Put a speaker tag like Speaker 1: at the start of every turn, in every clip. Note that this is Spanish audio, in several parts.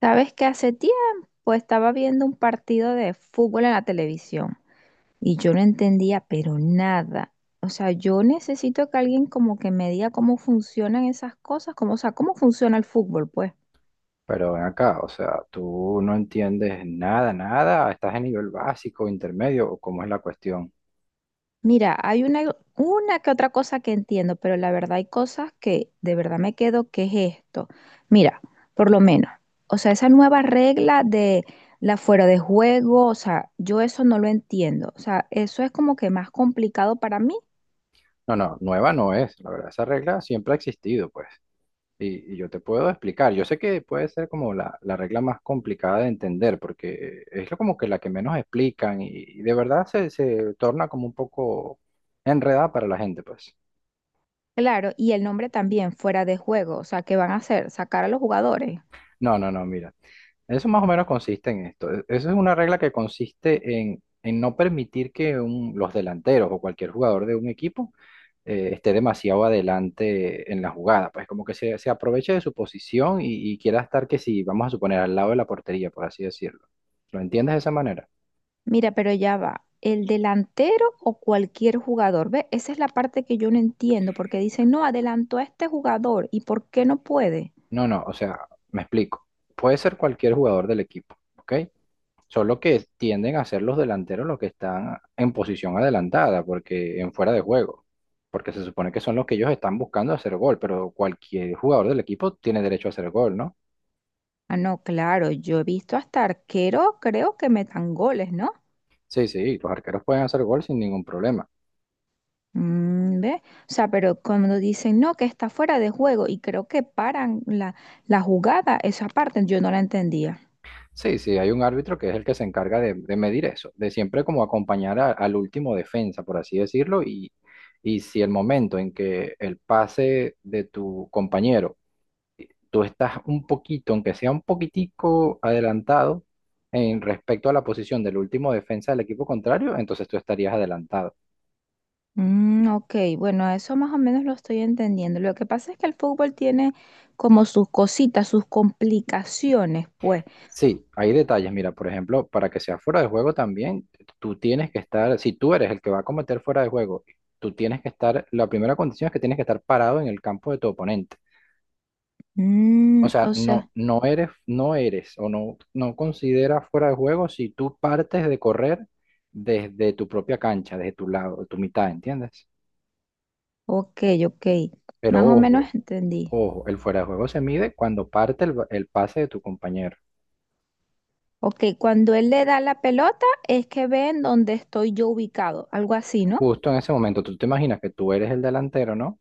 Speaker 1: Sabes que hace tiempo estaba viendo un partido de fútbol en la televisión y yo no entendía, pero nada. O sea, yo necesito que alguien como que me diga cómo funcionan esas cosas, cómo, o sea, cómo funciona el fútbol, pues.
Speaker 2: Pero ven acá, o sea, tú no entiendes nada, nada, estás en nivel básico, intermedio, o cómo es la cuestión.
Speaker 1: Mira, hay una que otra cosa que entiendo, pero la verdad hay cosas que de verdad me quedo, ¿qué es esto? Mira, por lo menos, o sea, esa nueva regla de la fuera de juego, o sea, yo eso no lo entiendo. O sea, eso es como que más complicado para mí.
Speaker 2: No, no, nueva no es, la verdad, esa regla siempre ha existido, pues, y yo te puedo explicar. Yo sé que puede ser como la regla más complicada de entender, porque como que la que menos explican y de verdad se torna como un poco enredada para la gente, pues.
Speaker 1: Claro, y el nombre también fuera de juego, o sea, ¿qué van a hacer? Sacar a los jugadores.
Speaker 2: No, no, no, mira. Eso más o menos consiste en esto. Eso es una regla que consiste en no permitir que los delanteros o cualquier jugador de un equipo esté demasiado adelante en la jugada. Pues como que se aproveche de su posición y quiera estar que si, vamos a suponer, al lado de la portería, por así decirlo. ¿Lo entiendes de esa manera?
Speaker 1: Mira, pero ya va, el delantero o cualquier jugador, ¿ve? Esa es la parte que yo no entiendo, porque dicen, no, adelantó a este jugador, ¿y por qué no puede?
Speaker 2: No, no, o sea, me explico. Puede ser cualquier jugador del equipo, ¿ok? Son lo que tienden a ser los delanteros los que están en posición adelantada, porque en fuera de juego. Porque se supone que son los que ellos están buscando hacer gol, pero cualquier jugador del equipo tiene derecho a hacer gol, ¿no?
Speaker 1: Ah, no, claro, yo he visto hasta arquero, creo que metan goles, ¿no?
Speaker 2: Sí, sí, los arqueros pueden hacer gol sin ningún problema.
Speaker 1: Mm, ¿ve? O sea, pero cuando dicen, no, que está fuera de juego, y creo que paran la jugada, esa parte yo no la entendía.
Speaker 2: Sí, sí, hay un árbitro que es el que se encarga de medir eso, de siempre como acompañar al último defensa, por así decirlo, y si el momento en que el pase de tu compañero tú estás un poquito, aunque sea un poquitico adelantado en respecto a la posición del último defensa del equipo contrario, entonces tú estarías adelantado.
Speaker 1: Mm, ok, bueno, eso más o menos lo estoy entendiendo. Lo que pasa es que el fútbol tiene como sus cositas, sus complicaciones, pues.
Speaker 2: Sí, hay detalles. Mira, por ejemplo, para que sea fuera de juego también, tú tienes que estar, si tú eres el que va a cometer fuera de juego, tú tienes que estar, la primera condición es que tienes que estar parado en el campo de tu oponente. O
Speaker 1: Mm,
Speaker 2: sea,
Speaker 1: o
Speaker 2: no,
Speaker 1: sea,
Speaker 2: no eres, no eres o no, no consideras fuera de juego si tú partes de correr desde tu propia cancha, desde tu lado, tu mitad, ¿entiendes?
Speaker 1: ok, ok,
Speaker 2: Pero
Speaker 1: más o
Speaker 2: ojo,
Speaker 1: menos entendí.
Speaker 2: ojo, el fuera de juego se mide cuando parte el, el pase de tu compañero.
Speaker 1: Ok, cuando él le da la pelota es que ven dónde estoy yo ubicado, algo así, ¿no?
Speaker 2: Justo en ese momento, tú te imaginas que tú eres el delantero, ¿no?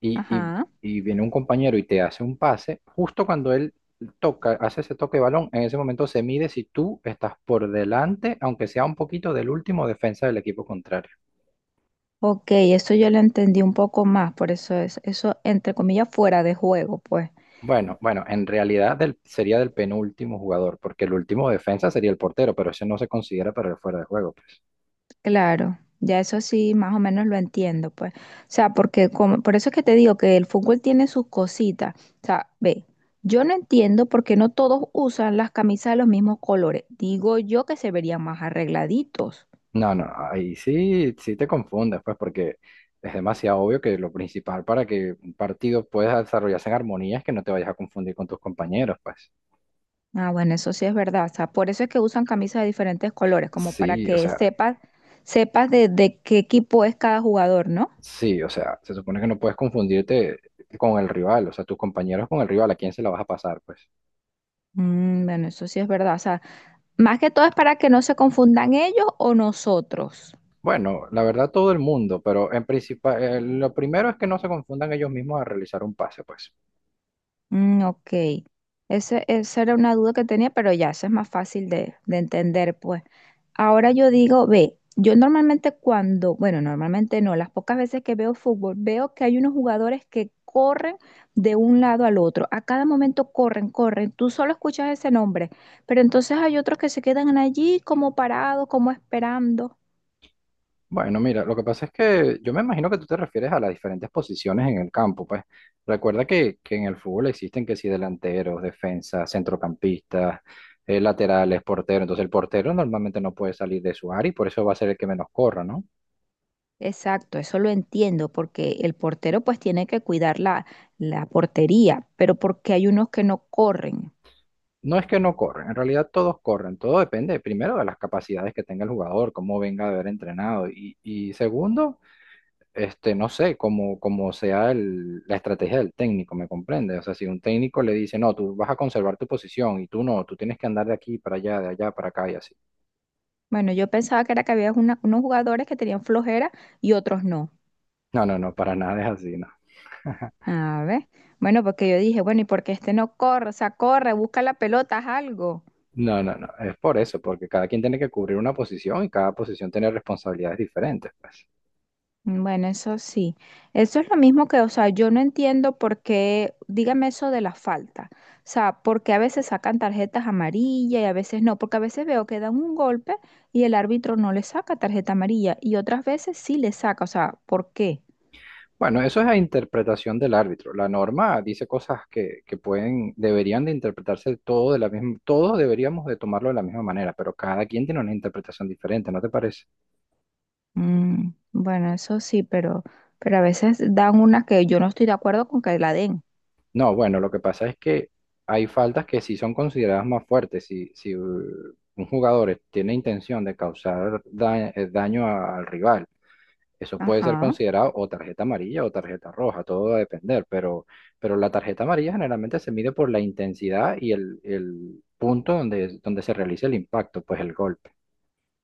Speaker 2: Y, y-
Speaker 1: Ajá.
Speaker 2: y viene un compañero y te hace un pase, justo cuando él toca, hace ese toque de balón, en ese momento se mide si tú estás por delante, aunque sea un poquito del último defensa del equipo contrario.
Speaker 1: Ok, eso yo lo entendí un poco más, por eso es, eso entre comillas fuera de juego, pues.
Speaker 2: Bueno, bueno, en realidad sería del penúltimo jugador, porque el último defensa sería el portero, pero ese no se considera para el fuera de juego, pues.
Speaker 1: Claro, ya eso sí, más o menos lo entiendo, pues. O sea, porque como, por eso es que te digo que el fútbol tiene sus cositas. O sea, ve, yo no entiendo por qué no todos usan las camisas de los mismos colores. Digo yo que se verían más arregladitos.
Speaker 2: No, no, ahí sí, sí te confundes, pues, porque es demasiado obvio que lo principal para que un partido pueda desarrollarse en armonía es que no te vayas a confundir con tus compañeros, pues.
Speaker 1: Ah, bueno, eso sí es verdad. O sea, por eso es que usan camisas de diferentes colores, como para
Speaker 2: Sí, o
Speaker 1: que
Speaker 2: sea,
Speaker 1: sepas, sepas de qué equipo es cada jugador, ¿no?
Speaker 2: sí, o sea, se supone que no puedes confundirte con el rival, o sea, tus compañeros con el rival, ¿a quién se la vas a pasar, pues?
Speaker 1: Mm, bueno, eso sí es verdad. O sea, más que todo es para que no se confundan ellos o nosotros.
Speaker 2: Bueno, la verdad todo el mundo, pero en principal, lo primero es que no se confundan ellos mismos a realizar un pase, pues.
Speaker 1: Mm, ok. Ese, esa era una duda que tenía, pero ya, eso es más fácil de entender, pues. Ahora yo digo, ve, yo normalmente cuando, bueno, normalmente no, las pocas veces que veo fútbol, veo que hay unos jugadores que corren de un lado al otro. A cada momento corren, corren. Tú solo escuchas ese nombre, pero entonces hay otros que se quedan allí como parados, como esperando.
Speaker 2: Bueno, mira, lo que pasa es que yo me imagino que tú te refieres a las diferentes posiciones en el campo, pues. Recuerda que en el fútbol existen que si delanteros, defensas, centrocampistas, laterales, porteros. Entonces el portero normalmente no puede salir de su área y por eso va a ser el que menos corra, ¿no?
Speaker 1: Exacto, eso lo entiendo, porque el portero pues tiene que cuidar la, la portería, pero porque hay unos que no corren.
Speaker 2: No es que no corren, en realidad todos corren. Todo depende primero de las capacidades que tenga el jugador, cómo venga de haber entrenado y segundo. Este, no sé, como, como sea la estrategia del técnico, ¿me comprende? O sea, si un técnico le dice, no, tú vas a conservar tu posición y tú no, tú tienes que andar de aquí para allá, de allá para acá y así.
Speaker 1: Bueno, yo pensaba que era que había una- unos jugadores que tenían flojera y otros no.
Speaker 2: No, no, no, para nada es así, no.
Speaker 1: A ver. Bueno, porque yo dije, bueno, ¿y por qué este no corre? O sea, corre, busca la pelota, haz algo.
Speaker 2: No, no, no, es por eso, porque cada quien tiene que cubrir una posición y cada posición tiene responsabilidades diferentes, pues.
Speaker 1: Mm, bueno, eso sí. Eso es lo mismo que, o sea, yo no entiendo por qué, dígame eso de la falta. O sea, porque a veces sacan tarjetas amarillas y a veces no, porque a veces veo que dan un golpe y el árbitro no le saca tarjeta amarilla y otras veces sí le saca. O sea, ¿por qué?
Speaker 2: Bueno, eso es la interpretación del árbitro. La norma dice cosas que pueden, deberían de interpretarse todo de la misma, todos deberíamos de tomarlo de la misma manera, pero cada quien tiene una interpretación diferente, ¿no te parece?
Speaker 1: Mm, bueno, eso sí, pero a veces dan una que yo no estoy de acuerdo con que la den.
Speaker 2: No, bueno, lo que pasa es que hay faltas que sí son consideradas más fuertes. Si, si un jugador tiene intención de causar daño al rival, eso puede ser
Speaker 1: Ajá.
Speaker 2: considerado o tarjeta amarilla o tarjeta roja, todo va a depender, pero la tarjeta amarilla generalmente se mide por la intensidad y el punto donde, donde se realiza el impacto, pues el golpe.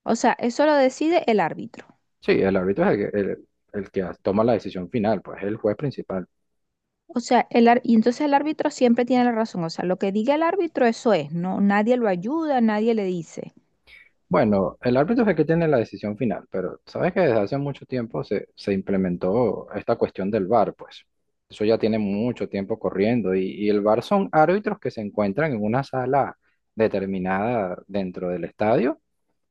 Speaker 1: O sea, eso lo decide el árbitro.
Speaker 2: Sí, el árbitro es el que toma la decisión final, pues es el juez principal.
Speaker 1: O sea, y entonces el árbitro siempre tiene la razón. O sea, lo que diga el árbitro, eso es. No, nadie lo ayuda, nadie le dice.
Speaker 2: Bueno, el árbitro es el que tiene la decisión final, pero sabes que desde hace mucho tiempo se implementó esta cuestión del VAR, pues. Eso ya tiene mucho tiempo corriendo y el VAR son árbitros que se encuentran en una sala determinada dentro del estadio,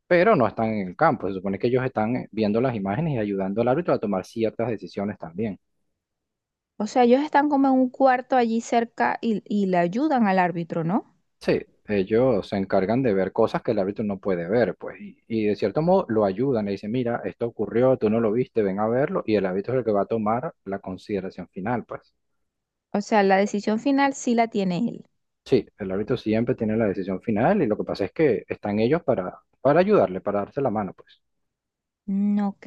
Speaker 2: pero no están en el campo. Se supone que ellos están viendo las imágenes y ayudando al árbitro a tomar ciertas decisiones también.
Speaker 1: O sea, ellos están como en un cuarto allí cerca y le ayudan al árbitro, ¿no?
Speaker 2: Sí, ellos se encargan de ver cosas que el árbitro no puede ver, pues, y de cierto modo lo ayudan, le dicen, mira, esto ocurrió, tú no lo viste, ven a verlo, y el árbitro es el que va a tomar la consideración final, pues.
Speaker 1: O sea, la decisión final sí la tiene él.
Speaker 2: Sí, el árbitro siempre tiene la decisión final y lo que pasa es que están ellos para ayudarle, para darse la mano, pues.
Speaker 1: Mm, ok,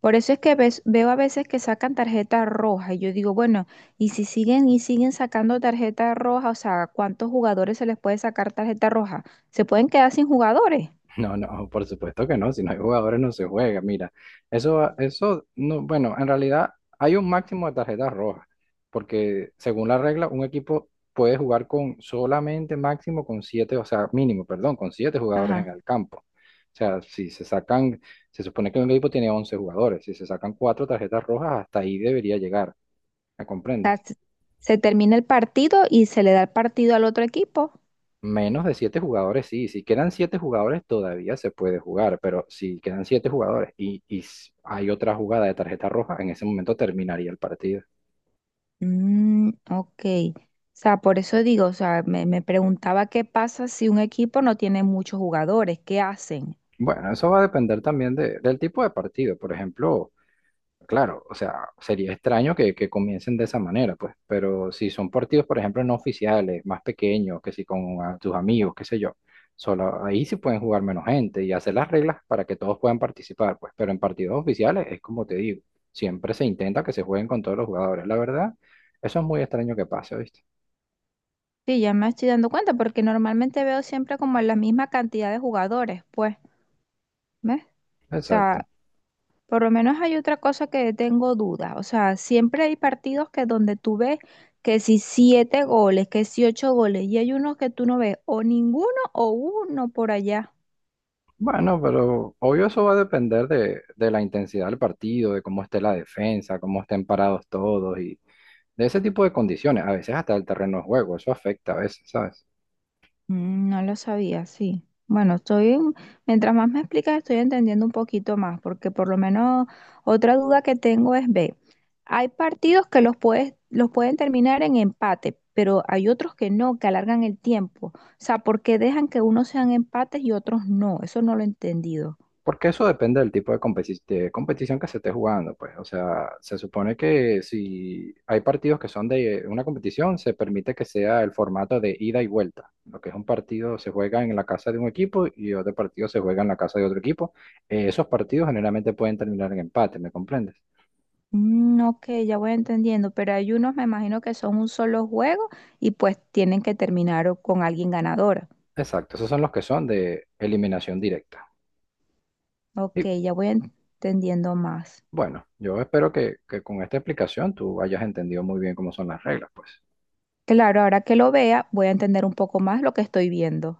Speaker 1: por eso es que veo a veces que sacan tarjeta roja y yo digo, bueno, y si siguen y siguen sacando tarjeta roja, o sea, ¿cuántos jugadores se les puede sacar tarjeta roja? ¿Se pueden quedar sin jugadores?
Speaker 2: No, no, por supuesto que no, si no hay jugadores no se juega, mira, eso, no, bueno, en realidad hay un máximo de tarjetas rojas, porque según la regla, un equipo puede jugar con solamente máximo con siete, o sea, mínimo, perdón, con siete jugadores en
Speaker 1: Ajá.
Speaker 2: el campo. O sea, si se sacan, se supone que un equipo tiene 11 jugadores, si se sacan cuatro tarjetas rojas, hasta ahí debería llegar, ¿me
Speaker 1: O
Speaker 2: comprendes?
Speaker 1: sea, se termina el partido y se le da el partido al otro equipo.
Speaker 2: Menos de siete jugadores, sí. Si quedan siete jugadores, todavía se puede jugar, pero si quedan siete jugadores y, y hay otra jugada de tarjeta roja, en ese momento terminaría el partido.
Speaker 1: Mm, ok, o sea, por eso digo, o sea, me preguntaba qué pasa si un equipo no tiene muchos jugadores, ¿qué hacen?
Speaker 2: Bueno, eso va a depender también del tipo de partido. Por ejemplo, claro, o sea, sería extraño que comiencen de esa manera, pues, pero si son partidos, por ejemplo, no oficiales, más pequeños, que si con tus amigos, qué sé yo, solo ahí sí pueden jugar menos gente y hacer las reglas para que todos puedan participar, pues, pero en partidos oficiales es como te digo, siempre se intenta que se jueguen con todos los jugadores, la verdad, eso es muy extraño que pase, ¿viste?
Speaker 1: Sí, ya me estoy dando cuenta porque normalmente veo siempre como la misma cantidad de jugadores, pues. ¿Ves? O
Speaker 2: Exacto.
Speaker 1: sea, por lo menos hay otra cosa que tengo dudas. O sea, siempre hay partidos que donde tú ves que si siete goles, que si ocho goles, y hay unos que tú no ves o ninguno o uno por allá.
Speaker 2: Bueno, pero obvio eso va a depender de la intensidad del partido, de cómo esté la defensa, cómo estén parados todos y de ese tipo de condiciones, a veces hasta el terreno de juego, eso afecta a veces, ¿sabes?
Speaker 1: Mm, no lo sabía, sí. Bueno, mientras más me explicas, estoy entendiendo un poquito más, porque por lo menos otra duda que tengo es, ve. Hay partidos que los puedes, los pueden terminar en empate, pero hay otros que no, que alargan el tiempo. O sea, porque dejan que unos sean empates y otros no? Eso no lo he entendido.
Speaker 2: Porque eso depende del tipo de, de competición que se esté jugando, pues. O sea, se supone que si hay partidos que son de una competición, se permite que sea el formato de ida y vuelta. Lo que es un partido se juega en la casa de un equipo y otro partido se juega en la casa de otro equipo. Esos partidos generalmente pueden terminar en empate, ¿me comprendes?
Speaker 1: Mm, ok, ya voy entendiendo, pero hay unos, me imagino que son un solo juego y pues tienen que terminar con alguien ganador.
Speaker 2: Exacto, esos son los que son de eliminación directa.
Speaker 1: Ok,
Speaker 2: Y
Speaker 1: ya voy entendiendo más.
Speaker 2: Bueno, yo espero que con esta explicación tú hayas entendido muy bien cómo son las reglas, pues.
Speaker 1: Claro, ahora que lo vea, voy a entender un poco más lo que estoy viendo.